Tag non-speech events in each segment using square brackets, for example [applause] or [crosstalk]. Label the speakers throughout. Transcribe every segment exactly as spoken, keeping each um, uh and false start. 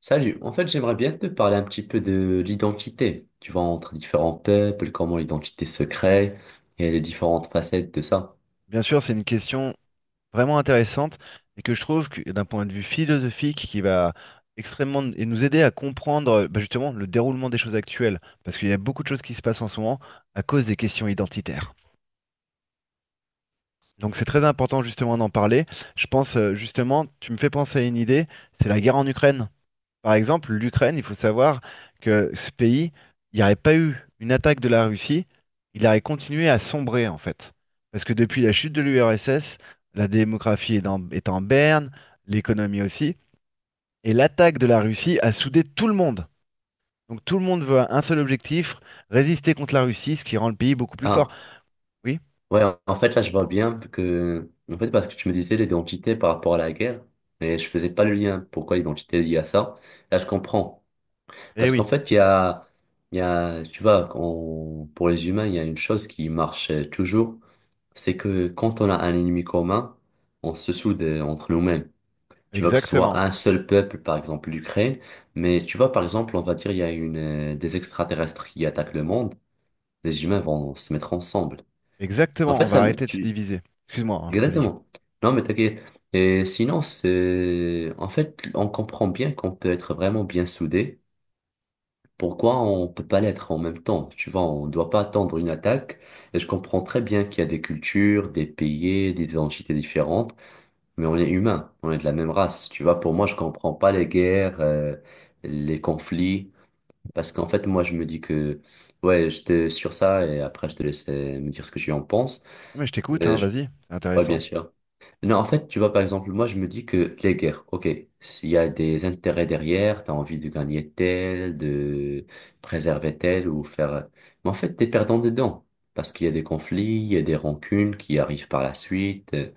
Speaker 1: Salut, en fait j'aimerais bien te parler un petit peu de l'identité, tu vois, entre différents peuples, comment l'identité se crée et les différentes facettes de ça.
Speaker 2: Bien sûr, c'est une question vraiment intéressante et que je trouve que d'un point de vue philosophique qui va extrêmement et nous aider à comprendre euh, bah, justement le déroulement des choses actuelles, parce qu'il y a beaucoup de choses qui se passent en ce moment à cause des questions identitaires. Donc c'est très important justement d'en parler. Je pense euh, justement, tu me fais penser à une idée, c'est la guerre en Ukraine. Par exemple, l'Ukraine, il faut savoir que ce pays, il n'y aurait pas eu une attaque de la Russie, il aurait continué à sombrer en fait. Parce que depuis la chute de l'U R S S, la démographie est en, est en berne, l'économie aussi, et l'attaque de la Russie a soudé tout le monde. Donc tout le monde veut un seul objectif, résister contre la Russie, ce qui rend le pays beaucoup plus fort.
Speaker 1: Ah,
Speaker 2: Oui,
Speaker 1: ouais, en en fait là je vois bien que, en fait parce que tu me disais l'identité par rapport à la guerre, mais je faisais pas le lien, pourquoi l'identité est liée à ça, là je comprends.
Speaker 2: eh
Speaker 1: Parce qu'en
Speaker 2: oui,
Speaker 1: fait il y a, il y a, tu vois, on- pour les humains il y a une chose qui marche euh, toujours, c'est que quand on a un ennemi commun, on se soude euh, entre nous-mêmes. Tu vois, que ce soit
Speaker 2: exactement.
Speaker 1: un seul peuple, par exemple l'Ukraine, mais tu vois, par exemple, on va dire, il y a une, euh, des extraterrestres qui attaquent le monde, les humains vont se mettre ensemble. En
Speaker 2: Exactement, on
Speaker 1: fait,
Speaker 2: va
Speaker 1: ça me,
Speaker 2: arrêter de se
Speaker 1: tu,
Speaker 2: diviser. Excuse-moi, hein, vas-y.
Speaker 1: exactement. Non, mais t'inquiète. Et sinon, c'est, en fait, on comprend bien qu'on peut être vraiment bien soudés. Pourquoi on peut pas l'être en même temps? Tu vois, on doit pas attendre une attaque. Et je comprends très bien qu'il y a des cultures, des pays, des identités différentes. Mais on est humain, on est de la même race. Tu vois, pour moi, je comprends pas les guerres, euh, les conflits, parce qu'en fait, moi, je me dis que, ouais, je te sur ça et après, je te laisse euh, me dire ce que tu en penses.
Speaker 2: Mais je t'écoute,
Speaker 1: Mais
Speaker 2: hein,
Speaker 1: je-
Speaker 2: vas-y, c'est
Speaker 1: Ouais,
Speaker 2: intéressant.
Speaker 1: bien sûr. Non, en fait, tu vois, par exemple, moi, je me dis que les guerres, ok, s'il y a des intérêts derrière, t'as envie de gagner tel, de préserver tel ou faire. Mais en fait, t'es perdant dedans, parce qu'il y a des conflits, il y a des rancunes qui arrivent par la suite. euh,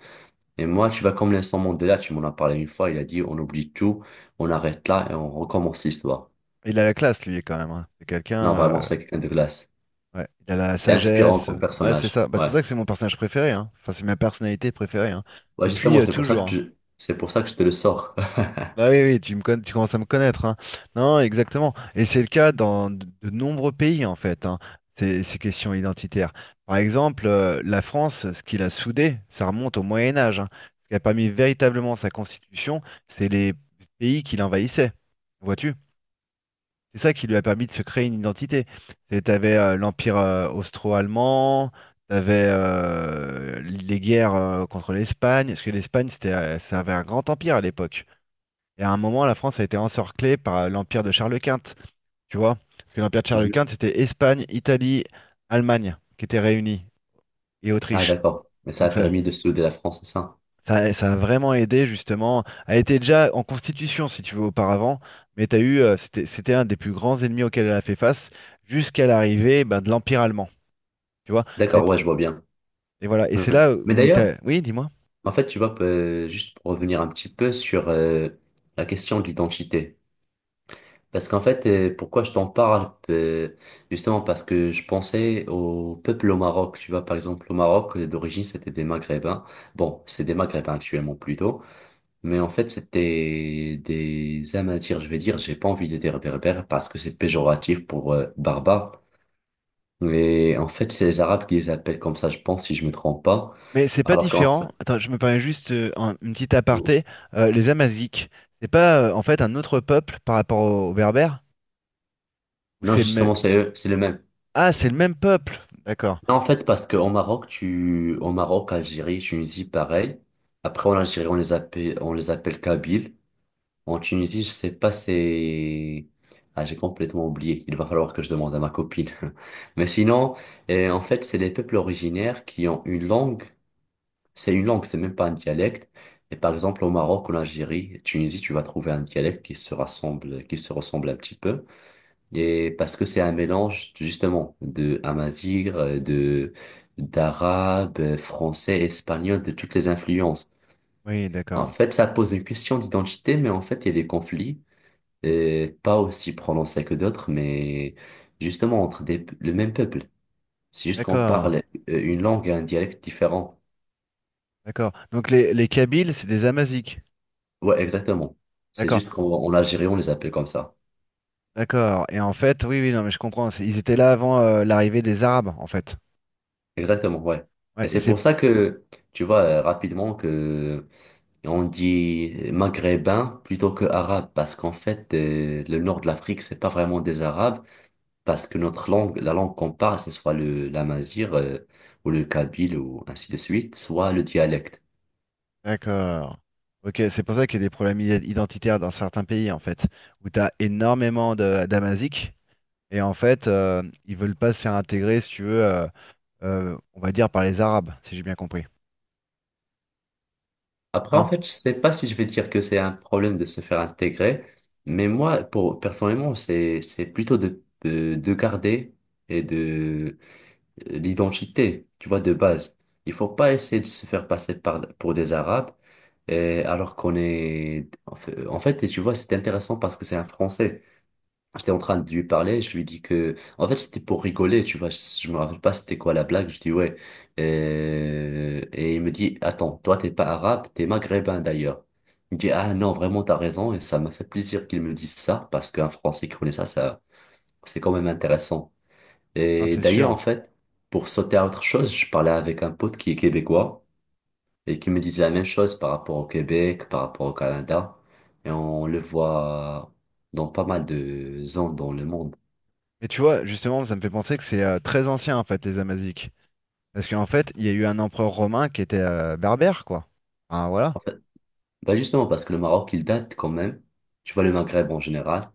Speaker 1: Et moi, tu vas comme Vincent Mandela, tu m'en as parlé une fois, il a dit on oublie tout, on arrête là et on recommence l'histoire.
Speaker 2: Il a la classe, lui, quand même, hein. C'est
Speaker 1: Non,
Speaker 2: quelqu'un.
Speaker 1: vraiment,
Speaker 2: euh,
Speaker 1: c'est quelqu'un de glace.
Speaker 2: Ouais, il a la
Speaker 1: C'est inspirant
Speaker 2: sagesse.
Speaker 1: comme
Speaker 2: Ouais, c'est
Speaker 1: personnage.
Speaker 2: ça. Bah, c'est
Speaker 1: Ouais.
Speaker 2: pour ça que c'est mon personnage préféré, hein. Enfin, c'est ma personnalité préférée, hein.
Speaker 1: Ouais,
Speaker 2: Depuis
Speaker 1: justement,
Speaker 2: euh,
Speaker 1: c'est pour ça
Speaker 2: toujours,
Speaker 1: que
Speaker 2: hein.
Speaker 1: tu, c'est pour ça que je te le sors. [laughs]
Speaker 2: Bah oui, oui, tu me connais, tu commences à me connaître, hein. Non, exactement. Et c'est le cas dans de, de nombreux pays, en fait, hein, ces, ces questions identitaires. Par exemple, euh, la France, ce qu'il a soudé, ça remonte au Moyen Âge, hein. Ce qui a permis véritablement sa constitution, c'est les pays qui l'envahissaient. Vois-tu? C'est ça qui lui a permis de se créer une identité. Et t'avais euh, l'Empire euh, austro-allemand, t'avais euh, les guerres euh, contre l'Espagne, parce que l'Espagne, c'était, euh, ça avait un grand empire à l'époque. Et à un moment, la France a été encerclée par euh, l'Empire de Charles Quint, tu vois. Parce que l'Empire de Charles
Speaker 1: Mhm.
Speaker 2: Quint, c'était Espagne, Italie, Allemagne qui étaient réunies, et
Speaker 1: Ah,
Speaker 2: Autriche.
Speaker 1: d'accord. Mais ça a
Speaker 2: Donc ça,
Speaker 1: permis de souder la France, c'est ça?
Speaker 2: ça, ça a vraiment aidé justement. Elle était déjà en constitution, si tu veux, auparavant, mais t'as eu, euh, c'était, c'était un des plus grands ennemis auxquels elle a fait face jusqu'à l'arrivée ben, de l'Empire allemand. Tu vois, ça a
Speaker 1: D'accord,
Speaker 2: été-
Speaker 1: ouais, je vois bien.
Speaker 2: et voilà. Et c'est
Speaker 1: Mhm.
Speaker 2: là
Speaker 1: Mais
Speaker 2: où il
Speaker 1: d'ailleurs,
Speaker 2: t'a. Oui, dis-moi.
Speaker 1: en fait, tu vois, euh, juste pour revenir un petit peu sur euh, la question de l'identité. Parce qu'en fait, euh, pourquoi je t'en parle, euh, justement parce que je pensais au peuple au Maroc. Tu vois, par exemple, au Maroc, euh, d'origine, c'était des Maghrébins. Bon, c'est des Maghrébins actuellement plutôt. Mais en fait, c'était des Amazirs, je vais dire. J'ai pas envie de dire berbères parce que c'est péjoratif pour euh, barbare. Mais en fait, c'est les Arabes qui les appellent comme ça, je pense, si je me trompe pas.
Speaker 2: Mais c'est pas
Speaker 1: Alors qu'en fait,
Speaker 2: différent. Attends, je me permets juste euh, un- une petite aparté. Euh, les Amazigh, c'est pas euh, en fait un autre peuple par rapport aux, aux Berbères? Ou
Speaker 1: non,
Speaker 2: c'est le même.
Speaker 1: justement, c'est eux, c'est le même.
Speaker 2: Ah, c'est le même peuple. D'accord.
Speaker 1: En fait, parce qu'au Maroc, tu, au Maroc, Algérie, Tunisie, pareil. Après, en Algérie, on les appelle, on les appelle Kabyles. En Tunisie, je sais pas, c'est, ah, j'ai complètement oublié. Il va falloir que je demande à ma copine. [laughs] Mais sinon, eh, en fait, c'est les peuples originaires qui ont une langue. C'est une langue, c'est même pas un dialecte. Et par exemple, au Maroc, en Algérie, Tunisie, tu vas trouver un dialecte qui se rassemble, qui se ressemble un petit peu. Et parce que c'est un mélange justement de amazigh, euh, de d'arabe, euh, français, espagnol, de toutes les influences.
Speaker 2: Oui,
Speaker 1: En
Speaker 2: d'accord.
Speaker 1: fait, ça pose une question d'identité, mais en fait, il y a des conflits, euh, pas aussi prononcés que d'autres, mais justement entre des, le même peuple. C'est juste qu'on
Speaker 2: D'accord.
Speaker 1: parle euh, une langue et un dialecte différent.
Speaker 2: D'accord. Donc les, les Kabyles, c'est des Amazigh.
Speaker 1: Ouais, exactement. C'est
Speaker 2: D'accord.
Speaker 1: juste qu'en en Algérie, on les appelle comme ça.
Speaker 2: D'accord. Et en fait, oui, oui, non, mais je comprends. C'est- ils étaient là avant euh, l'arrivée des Arabes, en fait.
Speaker 1: Exactement, ouais.
Speaker 2: Ouais,
Speaker 1: Et
Speaker 2: et
Speaker 1: c'est
Speaker 2: c'est.
Speaker 1: pour ça que, tu vois, euh, rapidement que on dit euh, maghrébin plutôt que arabe parce qu'en fait, euh, le nord de l'Afrique, c'est pas vraiment des arabes parce que notre langue, la langue qu'on parle, ce soit le l'amazigh euh, ou le kabyle ou ainsi de suite, soit le dialecte.
Speaker 2: D'accord. Ok, c'est pour ça qu'il y a des problèmes i- identitaires dans certains pays, en fait, où tu as énormément de d'Amaziques. Et en fait, euh, ils veulent pas se faire intégrer, si tu veux, euh, euh, on va dire par les Arabes, si j'ai bien compris.
Speaker 1: Après, en
Speaker 2: Hein?
Speaker 1: fait, je sais pas si je vais dire que c'est un problème de se faire intégrer, mais moi, pour personnellement, c'est c'est plutôt de, de de garder et de euh, l'identité, tu vois, de base. Il faut pas essayer de se faire passer par, pour des Arabes, euh, alors qu'on est... En fait, en fait, tu vois, c'est intéressant parce que c'est un Français. J'étais en train de lui parler, je lui dis que... En fait, c'était pour rigoler, tu vois, je, me rappelle pas c'était quoi la blague, je dis ouais. Euh, et il me dit, attends, toi, t'es pas arabe, t'es maghrébin d'ailleurs. Il me dit, ah non, vraiment, t'as raison, et ça m'a fait plaisir qu'il me dise ça, parce qu'un Français qui connaît ça, ça, c'est quand même intéressant.
Speaker 2: Hein,
Speaker 1: Et
Speaker 2: c'est
Speaker 1: d'ailleurs, en
Speaker 2: sûr.
Speaker 1: fait, pour sauter à autre chose, je parlais avec un pote qui est québécois et qui me disait la même chose par rapport au Québec, par rapport au Canada. Et on le voit dans pas mal de zones dans le monde.
Speaker 2: Mais tu vois, justement, ça me fait penser que c'est euh, très ancien, en fait, les Amaziques. Parce qu'en fait, il y a eu un empereur romain qui était euh, berbère, quoi. Ah, voilà.
Speaker 1: Bah justement, parce que le Maroc, il date quand même. Tu vois, le Maghreb en général,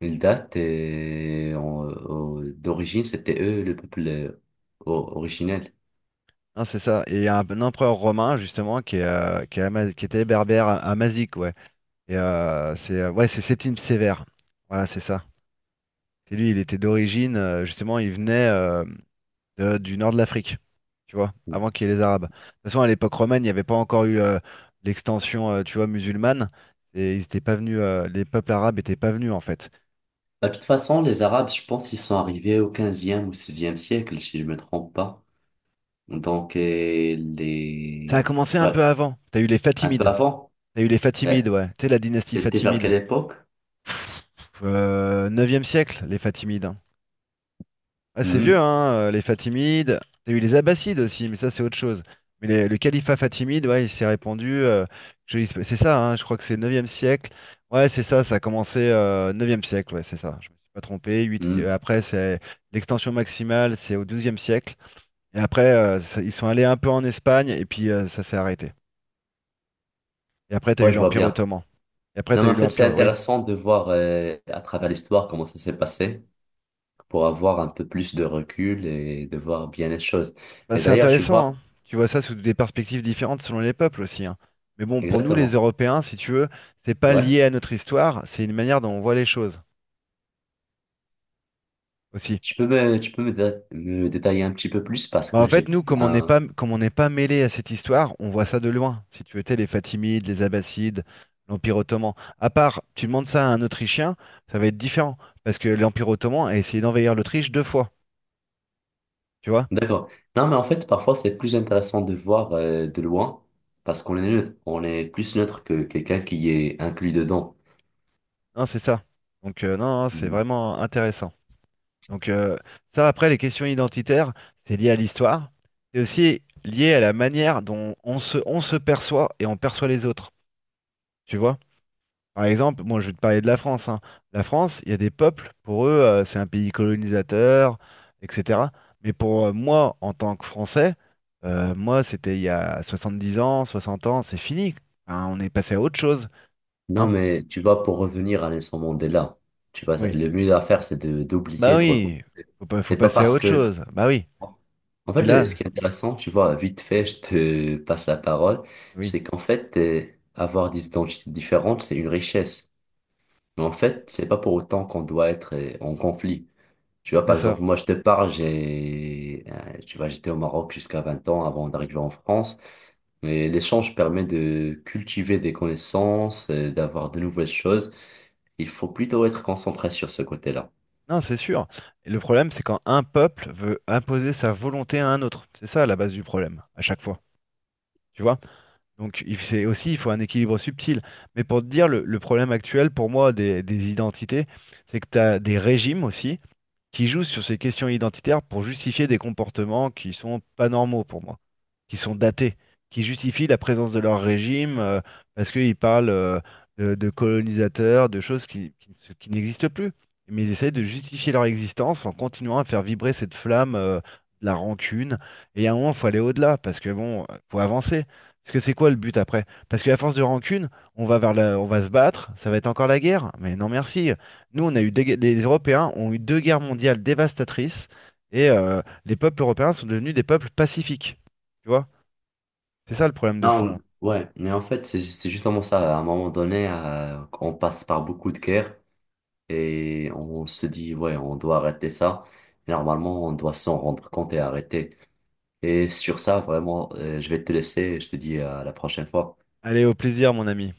Speaker 1: il date et en- au- d'origine, c'était eux le peuple euh, o- originel.
Speaker 2: Non, c'est ça. Et il y a un, un empereur romain, justement, qui, est, euh, qui, est Ama- qui était berbère, Amazique, ouais. Et euh, c'est euh, ouais, c'est Septime Sévère. Voilà, c'est ça. C'est lui, il était d'origine, euh, justement, il venait euh, de- du nord de l'Afrique, tu vois, avant qu'il y ait les Arabes. De toute façon, à l'époque romaine, il n'y avait pas encore eu euh, l'extension, euh, tu vois, musulmane. Et ils étaient pas venus, euh, les peuples arabes étaient pas venus, en fait.
Speaker 1: Bah, de toute façon, les Arabes, je pense ils sont arrivés au quinzième ou seizième siècle, si je me trompe pas. Donc, euh,
Speaker 2: Ça a
Speaker 1: les...
Speaker 2: commencé un
Speaker 1: ouais,
Speaker 2: peu avant. T'as eu les
Speaker 1: un peu
Speaker 2: Fatimides.
Speaker 1: avant.
Speaker 2: T'as eu les
Speaker 1: Euh,
Speaker 2: Fatimides, ouais. Tu sais, la dynastie
Speaker 1: C'était vers quelle
Speaker 2: Fatimide.
Speaker 1: époque?
Speaker 2: Euh, neuvième siècle, les Fatimides. Ah, c'est vieux,
Speaker 1: Hmm,
Speaker 2: hein, euh, les Fatimides. T'as eu les Abbassides aussi, mais ça, c'est autre chose. Mais les- le califat fatimide, ouais, il s'est répandu. euh, je- c'est ça, hein, je crois que c'est neuvième siècle. Ouais, c'est ça, ça a commencé euh, neuvième siècle, ouais, c'est ça. Je me suis pas trompé. Huit- euh,
Speaker 1: hmm.
Speaker 2: après, c'est l'extension maximale, c'est au douzième siècle. Et après, euh, ça- ils sont allés un peu en Espagne, et puis euh, ça s'est arrêté. Et après, t'as eu
Speaker 1: Ouais, je vois
Speaker 2: l'Empire
Speaker 1: bien.
Speaker 2: ottoman. Et après,
Speaker 1: Non,
Speaker 2: t'as
Speaker 1: mais
Speaker 2: eu
Speaker 1: en fait, c'est
Speaker 2: l'Empire. Oui,
Speaker 1: intéressant de voir euh, à travers l'histoire comment ça s'est passé pour avoir un peu plus de recul et de voir bien les choses.
Speaker 2: bah,
Speaker 1: Et
Speaker 2: c'est
Speaker 1: d'ailleurs, tu vois,
Speaker 2: intéressant, hein. Tu vois ça sous des perspectives différentes selon les peuples aussi, hein. Mais bon, pour nous les
Speaker 1: exactement.
Speaker 2: Européens, si tu veux, c'est pas
Speaker 1: Ouais.
Speaker 2: lié à notre histoire, c'est une manière dont on voit les choses aussi.
Speaker 1: Tu peux me, tu peux me, dé- Me détailler un petit peu plus parce
Speaker 2: Bah,
Speaker 1: que
Speaker 2: en
Speaker 1: là, j'ai
Speaker 2: fait,
Speaker 1: pas
Speaker 2: nous, comme on n'est
Speaker 1: bien
Speaker 2: pas, comme on n'est pas mêlé à cette histoire, on voit ça de loin. Si tu veux, tu sais, les Fatimides, les Abbassides, l'Empire ottoman. À part, tu demandes ça à un Autrichien, ça va être différent, parce que l'Empire ottoman a essayé d'envahir l'Autriche deux fois, tu vois?
Speaker 1: d'accord. Non, mais en fait, parfois, c'est plus intéressant de voir euh, de loin parce qu'on est neutre. On est plus neutre que quelqu'un qui est inclus dedans.
Speaker 2: Hein, c'est ça. Donc euh, non, non, c'est
Speaker 1: Mm.
Speaker 2: vraiment intéressant. Donc euh, ça, après, les questions identitaires, c'est lié à l'histoire. C'est aussi lié à la manière dont on se, on se perçoit et on perçoit les autres. Tu vois? Par exemple, moi, je vais te parler de la France, hein. La France, il y a des peuples, pour eux, euh, c'est un pays colonisateur, et cetera. Mais pour euh, moi, en tant que Français, euh, moi, c'était il y a soixante-dix ans, soixante ans, c'est fini. Enfin, on est passé à autre chose,
Speaker 1: Non,
Speaker 2: hein.
Speaker 1: mais tu vois, pour revenir à Nelson Mandela, tu vois, ça-
Speaker 2: Oui.
Speaker 1: le mieux à faire, c'est de
Speaker 2: Bah
Speaker 1: d'oublier, de reconnaître.
Speaker 2: oui, faut pas, faut
Speaker 1: C'est pas
Speaker 2: passer à
Speaker 1: parce
Speaker 2: autre
Speaker 1: que.
Speaker 2: chose. Bah oui.
Speaker 1: En fait,
Speaker 2: Et
Speaker 1: le-
Speaker 2: là,
Speaker 1: ce qui est intéressant, tu vois, vite fait, je te [laughs] passe la parole,
Speaker 2: oui,
Speaker 1: c'est qu'en fait, euh, avoir des identités différentes, c'est une richesse. Mais en fait, c'est pas pour autant qu'on doit être euh, en conflit. Tu vois,
Speaker 2: c'est
Speaker 1: par
Speaker 2: ça.
Speaker 1: exemple, moi, je te parle, j'ai, euh, tu vois, j'étais au Maroc jusqu'à vingt ans avant d'arriver en France. Mais l'échange permet de cultiver des connaissances, euh, d'avoir de nouvelles choses. Il faut plutôt être concentré sur ce côté-là.
Speaker 2: Non, c'est sûr. Et le problème, c'est quand un peuple veut imposer sa volonté à un autre. C'est ça la base du problème, à chaque fois. Tu vois? Donc, il- c'est aussi, il faut un équilibre subtil. Mais pour te dire, le, le problème actuel, pour moi, des, des identités, c'est que tu as des régimes aussi qui jouent sur ces questions identitaires pour justifier des comportements qui sont pas normaux pour moi, qui sont datés, qui justifient la présence de leur régime euh, parce qu'ils parlent euh, de, de colonisateurs, de choses qui, qui, ne- qui n'existent plus. Mais ils essayent de justifier leur existence en continuant à faire vibrer cette flamme euh, de la rancune. Et à un moment, il faut aller au-delà parce que bon, euh, faut avancer. Parce que c'est quoi le but après? Parce qu'à force de rancune, on va vers la- on va se battre, ça va être encore la guerre. Mais non merci, nous, on a eu des gue- les Européens ont eu deux guerres mondiales dévastatrices et euh, les peuples européens sont devenus des peuples pacifiques. Tu vois? C'est ça le problème de fond.
Speaker 1: Non, ouais, mais en fait, c'est c'est justement ça. À un moment donné, euh, on passe par beaucoup de guerres. Et on se dit, ouais, on doit arrêter ça. Normalement, on doit s'en rendre compte et arrêter. Et sur ça, vraiment, euh, je vais te laisser. Je te dis à la prochaine fois.
Speaker 2: Allez, au plaisir, mon ami.